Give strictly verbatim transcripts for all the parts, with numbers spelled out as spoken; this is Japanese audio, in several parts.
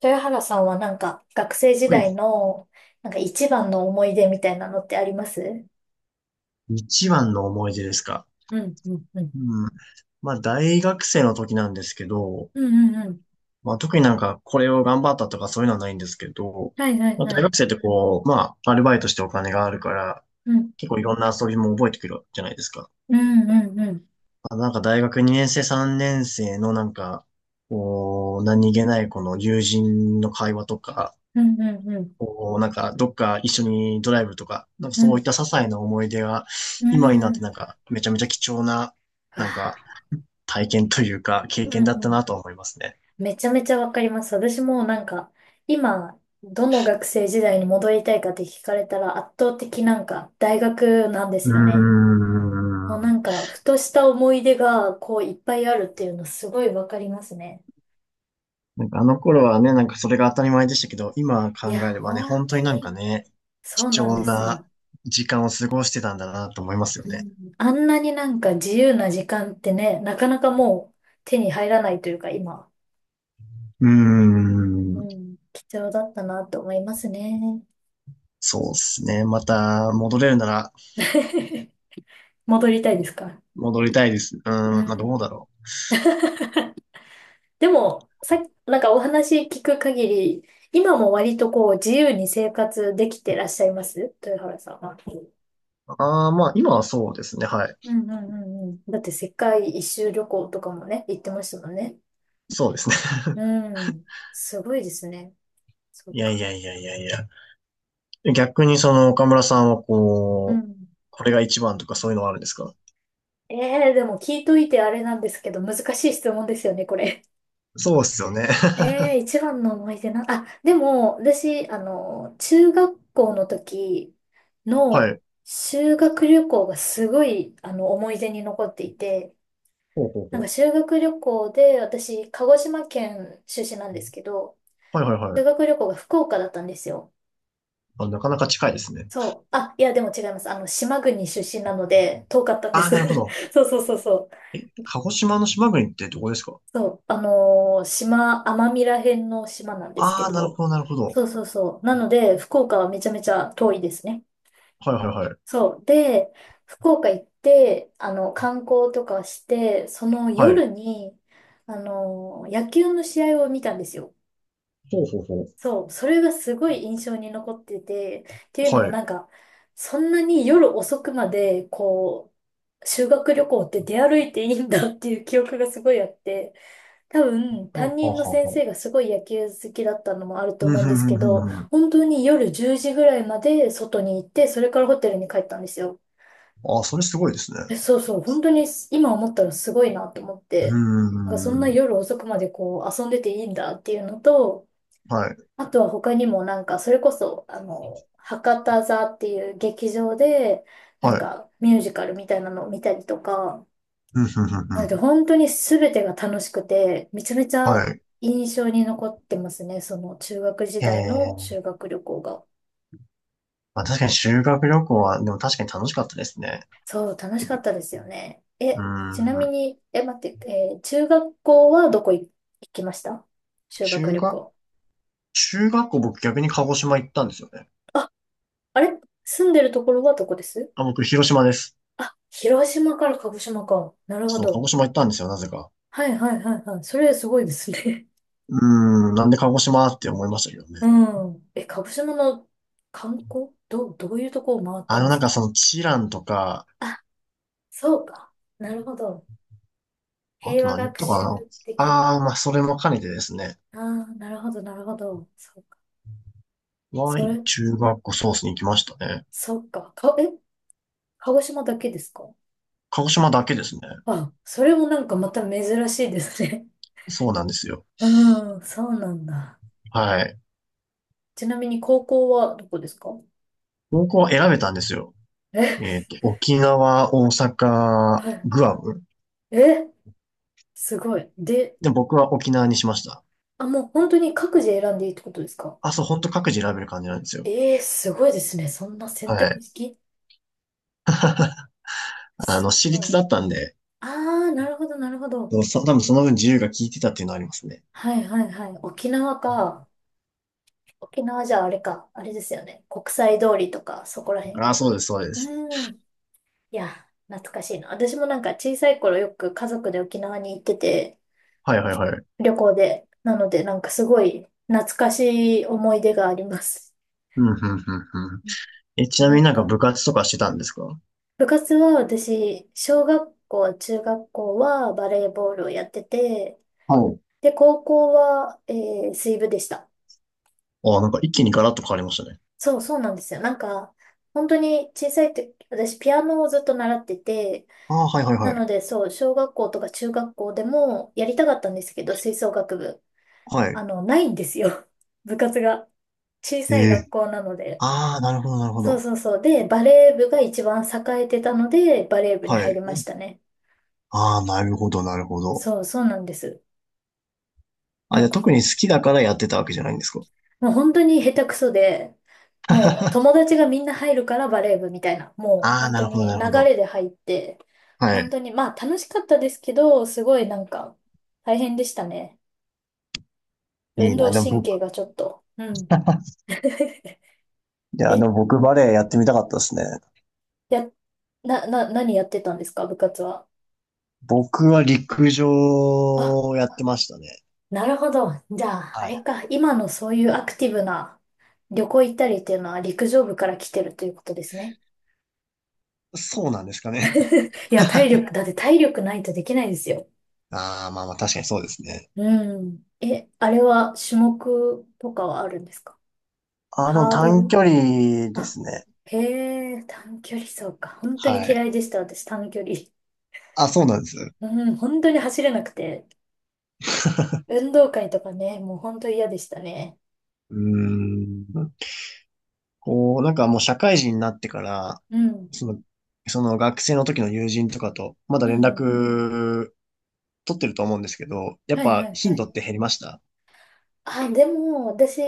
豊原さんはなんか学生時はい。代のなんか一番の思い出みたいなのってあります？一番の思い出ですか。うん、うん、うん。うん。まあ、大学生の時なんですけど、うん、うん、うん。まあ、特になんかこれを頑張ったとかそういうのはないんですけど、はい、はい、まあ、は大い。学生ってこう、まあ、アルバイトしてお金があるから、うん、結構いろんな遊びも覚えてくるじゃないですか。うん、うん、うん。まあ、なんか大学にねん生、さんねん生のなんか、こう、何気ないこの友人の会話とか、うん、うん、うん。こう、なんかどっか一緒にドライブとか、なんかうそういっん、た些細な思い出が、う今になっん。てうなんかめちゃめちゃ貴重な、なんわか体験というか、経ぁう験だんったうん。なとは思いますね。めちゃめちゃわかります。私もなんか今どの学生時代に戻りたいかって聞かれたら圧倒的なんか大学なんでうーすよね。もうなん。んかふとした思い出がこういっぱいあるっていうのすごいわかりますね。なんかあの頃はね、なんかそれが当たり前でしたけど、今い考えや、ればね、本本当当になんかにね、そう貴なん重ですなよ。時間を過ごしてたんだなと思いますようね。ん、あんなになんか自由な時間ってね、なかなかもう手に入らないというか今、うーうん。ん、貴重だったなと思いますね。そうですね。また戻れるなら 戻りたいですか？戻りたいです。ううーん、まあどん。うだろ でも、さっき、なんかお話聞く限り、今も割とこう自由に生活できてらっしゃいます豊原さんは？う。ああ、まあ今はそうですね。はい。うんうんうんうん。だって世界一周旅行とかもね、行ってましたもんね。そうですね。う ん。すごいですね。そういやいか。やいやいやいや。逆にその岡村さんはうこう、ん。これが一番とかそういうのはあるんですか？ええでも聞いといてあれなんですけど、難しい質問ですよね、これ。そうっすよ ね。え え一番の思い出な、あ、でも、私、あの、中学校の時はのい。修学旅行がすごい、あの、思い出に残っていて、ほうほうほなんかう。修学旅行で、私、鹿児島県出身なんですけど、はいはいは修い。学旅行が福岡だったんですよ。あ、なかなか近いですね。そう。あ、いや、でも違います。あの、島国出身なので、遠かったんでああ、す。なるほど。そうそうそうそう。鹿児島の島国ってどこですか？そう、あのー島、奄美ら辺の島なんですけああー、なるど、ほど、なるほど。そうそうそう。なので、福岡はめちゃめちゃ遠いですね。はいはいはい。そう。で、福岡行って、あの、観光とかして、そのは夜い。に、あのー野球の試合を見たんですよ。ほうほうほそう、それがすごい印象に残ってて、っていうう。のはもい。なんか、そんなに夜遅くまで、こう、修学旅行って出歩いていいんだっていう記憶がすごいあって、多分、ほう担ほう任のほう先ほ生がすごい野球好きだったのもあるとう。うん、思うんふでんすふんけふんど、ふん。本当に夜じゅうじぐらいまで外に行って、それからホテルに帰ったんですよ。ああ、それすごいですね。え、そうそう、本当に今思ったらすごいなと思っうて、なんかそんなーん。夜遅くまでこう遊んでていいんだっていうのと、はい。あとは他にもなんかそれこそ、あの、博多座っていう劇場で、なはんい。かミュージカルみたいなのを見たりとか、うん、ふんふんふなのん。で本当に全てが楽しくて、めちゃめちはゃい。印象に残ってますね。その中学時へ代のえ。修学旅行が。まあ確かに修学旅行は、でも確かに楽しかったですね。そう、楽しかったですよね。うーえ、ちなみん。に、え、待って、えー中学校はどこい行きました？修学中旅学、行。中学校僕逆に鹿児島行ったんですよね。あ、あれ住んでるところはどこです？あ、僕広島です。あ、広島から鹿児島か。なるほそう、鹿ど。児島行ったんですよ、なぜか。はいはいはいはい。それすごいですね。うーん、なんで鹿児島って思いましたけど ね。うん。え、鹿児島の観光どう、どういうとこを回ったあんの、でなすんかそか？の、チランとか、あ、そうか。なるほど。あ平と和何学とったか習な。的。ああ、まあ、それも兼ねてですね。ああ、なるほど、なるほど。そうか。Y それ、中学校ソースに行きましたね。そっか。か、え、鹿児島だけですか？鹿児島だけですね。あ、それもなんかまた珍しいですね。そうなんですよ。うん、そうなんだ。はい。ちなみに高校はどこですか？高校は選べたんですよ。え、えっと、沖縄、大 阪、はい。グアム。え、すごい。で、で、僕は沖縄にしました。あ、もう本当に各自選んでいいってことですか？あ、そう、ほんと各自選べる感じなんですよ。ええー、すごいですね。そんな選は択い。式あすの、私ごい。立だったんで、ああ、なるほど、なるほど。そうそ多分その分自由が効いてたっていうのはありますね。はいはいはい。沖縄か。沖縄じゃあれか、あれですよね。国際通りとか、そこら辺。ああ、そうです、そうです。うん。いや、懐かしいな。私もなんか小さい頃よく家族で沖縄に行ってて、はいはいはい。旅行で。なので、なんかすごい懐かしい思い出があります。うん、うん、うん、うん。え、ちなみなにんなんかか、部活とかしてたんですか？部活は私、小学校、中学校はバレーボールをやってて、はい。で、高校は、えー水部でした。ああ、なんか一気にガラッと変わりましたね。そう、そうなんですよ。なんか、本当に小さい時、私ピアノをずっと習ってて、ああ、はいはいなはい。ので、そう、小学校とか中学校でもやりたかったんですけど、吹奏楽部、はい。あの、ないんですよ。部活が。小えさい学え。校なので。ああ、なるほど、なるほそうど。そうそう。で、バレー部が一番栄えてたので、バレー部には入りい。ましたね。ああ、なるほど、なるほど。そうそうなんです。あ、なじんゃあかほ特にん、好きだからやってたわけじゃないんですか？もう本当に下手くそで、もう友達がみんな入るからバレー部みたいな、もうああ、本な当るほど、にな流るほど。れで入って、は本い。当に、まあ楽しかったですけど、すごいなんか大変でしたね。い運い動な。でも神経僕、がちょっと。うん。いや、でえ、も僕バレエやってみたかったですね。や、な、な、何やってたんですか、部活は。僕は陸上あ、をやってましたね。なるほど。じゃあ、あはい。れか。今のそういうアクティブな旅行行ったりっていうのは陸上部から来てるということですね。そうなんですかね。いや、体力、だって体力ないとできないですよ。ああ、まあまあ確かにそうですね。うん。え、あれは種目とかはあるんですか？あの、ハード短距ル、離であ、すね。へえ、短距離走か。本当にはい。嫌いでした、私、短距離。あ、そうなんです。うん、本当に走れなくて。運動会とかね、もう本当嫌でしたね。うーん。こう、なんかもう社会人になってから、うん。その、その学生の時の友人とかと、まだう連んうん。絡取ってると思うんですけど、やっはいはぱいは頻度い。って減りました？あ、でも、私、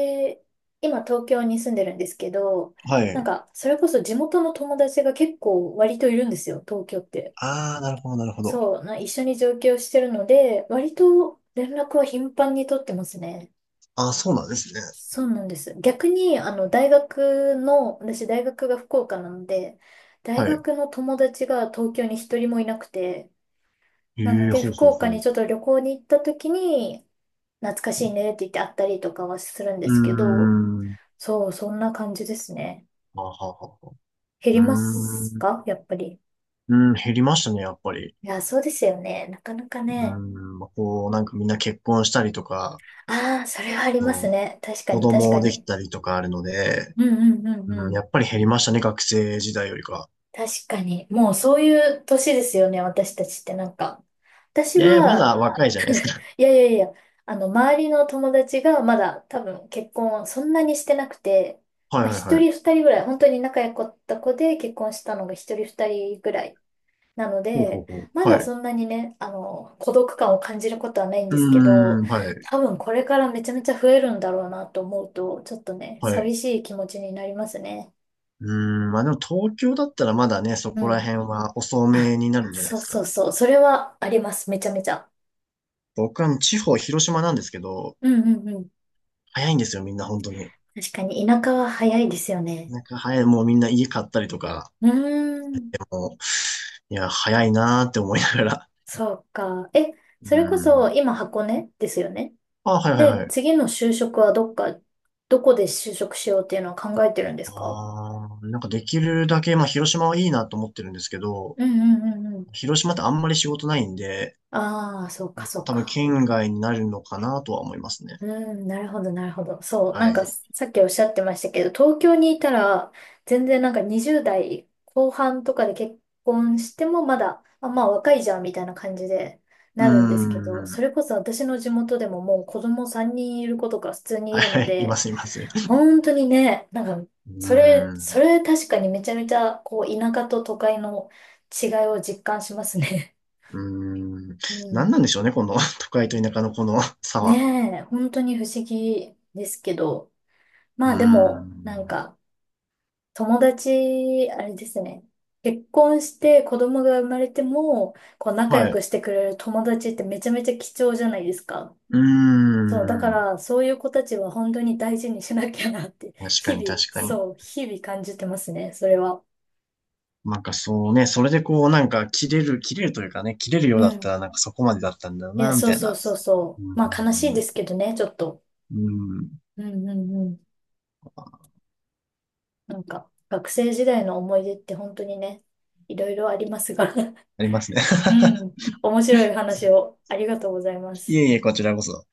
今東京に住んでるんですけど、はなんい。か、それこそ地元の友達が結構割といるんですよ、東京って。ああ、なるほど、なるほど。そう、な、一緒に上京してるので、割と連絡は頻繁に取ってますね。ああ、そうなんですね。そうなんです。逆に、あの、大学の、私大学が福岡なので、大はい。学の友達が東京に一人もいなくて、えなのえ、で、ほう福ほう岡ほにう。ちょっと旅行に行った時に、懐かしいねって言って会ったりとかはするんうでーすけど、ん。そう、そんな感じですね。あははは。減うりますーん。か、やっぱり？うん、減りましたね、やっぱり。いや、そうですよね。なかなかうーね。ん、まあ、こう、なんかみんな結婚したりとか、ああ、それはありますそう、ね。確か子に、確か供できに。たりとかあるので、うんうんうんううん、やん。っぱり減りましたね、学生時代よりか。確かに。もうそういう年ですよね、私たちってなんか。私いやいや、まは、だ若いい。じゃないですか。いやいやいや、あの、周りの友達がまだ多分結婚そんなにしてなくて、はまいあ、はい一はい。人二人ぐらい、本当に仲良かった子で結婚したのが一人二人ぐらいなのほうほうで、ほまう。はだい。うそんなにね、あの、孤独感を感じることはないんーですけど、ん、はい、多分これからめちゃめちゃ増えるんだろうなと思うと、ちょっとね、はい。寂しい気持ちになりますね。うーん、まあでも東京だったらまだね、そうこらん。辺は遅あ、めになるんじゃないでそうすそか。うそう、それはあります、めちゃめちゃ。僕は地方、広島なんですけど、うんうんうん。早いんですよ、みんな本当に。確かに田舎は早いですよね。なんか早い、もうみんな家買ったりとか、うーん。もう、いや、早いなーって思いながら。そうか。え、うそれこーそん。今箱根ですよね。あ、はいはいで、はい。次の就職はどっか、どこで就職しようっていうのを考えてるんですか？あー、なんかできるだけ、まあ広島はいいなと思ってるんですけど、うんうんうんうん。広島ってあんまり仕事ないんで、ああ、そうかまそあう多分か。県外になるのかなとは思いますね。うん、なるほどなるほど。そう、なはんい。かさっきおっしゃってましたけど、東京にいたら、全然なんかにじゅうだい代後半とかで結婚してもまだ、あ、まあ若いじゃんみたいな感じでうーなるんですけど、そん。れこそ私の地元でももう子供さんにんいる子とか普通にいはいるはのい、いまで、すいます。本当にね、なんか、うそれ、ーそん。れ確かにめちゃめちゃ、こう、田舎と都会の違いを実感しますね。うーん。うん。何なんでしょうね、この 都会と田舎のこの 差は。ねえ、本当に不思議ですけど。うまーあでも、なんん。か、友達、あれですね。結婚して子供が生まれても、こう、仲は良い。くしてくれる友達ってめちゃめちゃ貴重じゃないですか。うーそう、だかん。ら、そういう子たちは本当に大事にしなきゃなって、確か日に々、確かに。そう、日々感じてますね、それは。なんかそうね、それでこうなんか切れる、切れるというかね、切れるよううだったん。らなんかそこまでだったんだよいや、な、みそうたいそうな。そううそーう。まあ悲しいでん。すけどね、ちょっと。うーん。うんうんうん。なんか、学生時代の思い出って本当にね、いろいろありますが。ありますね。う ん。面白い話をありがとうございまいす。えいえ、こちらこそ。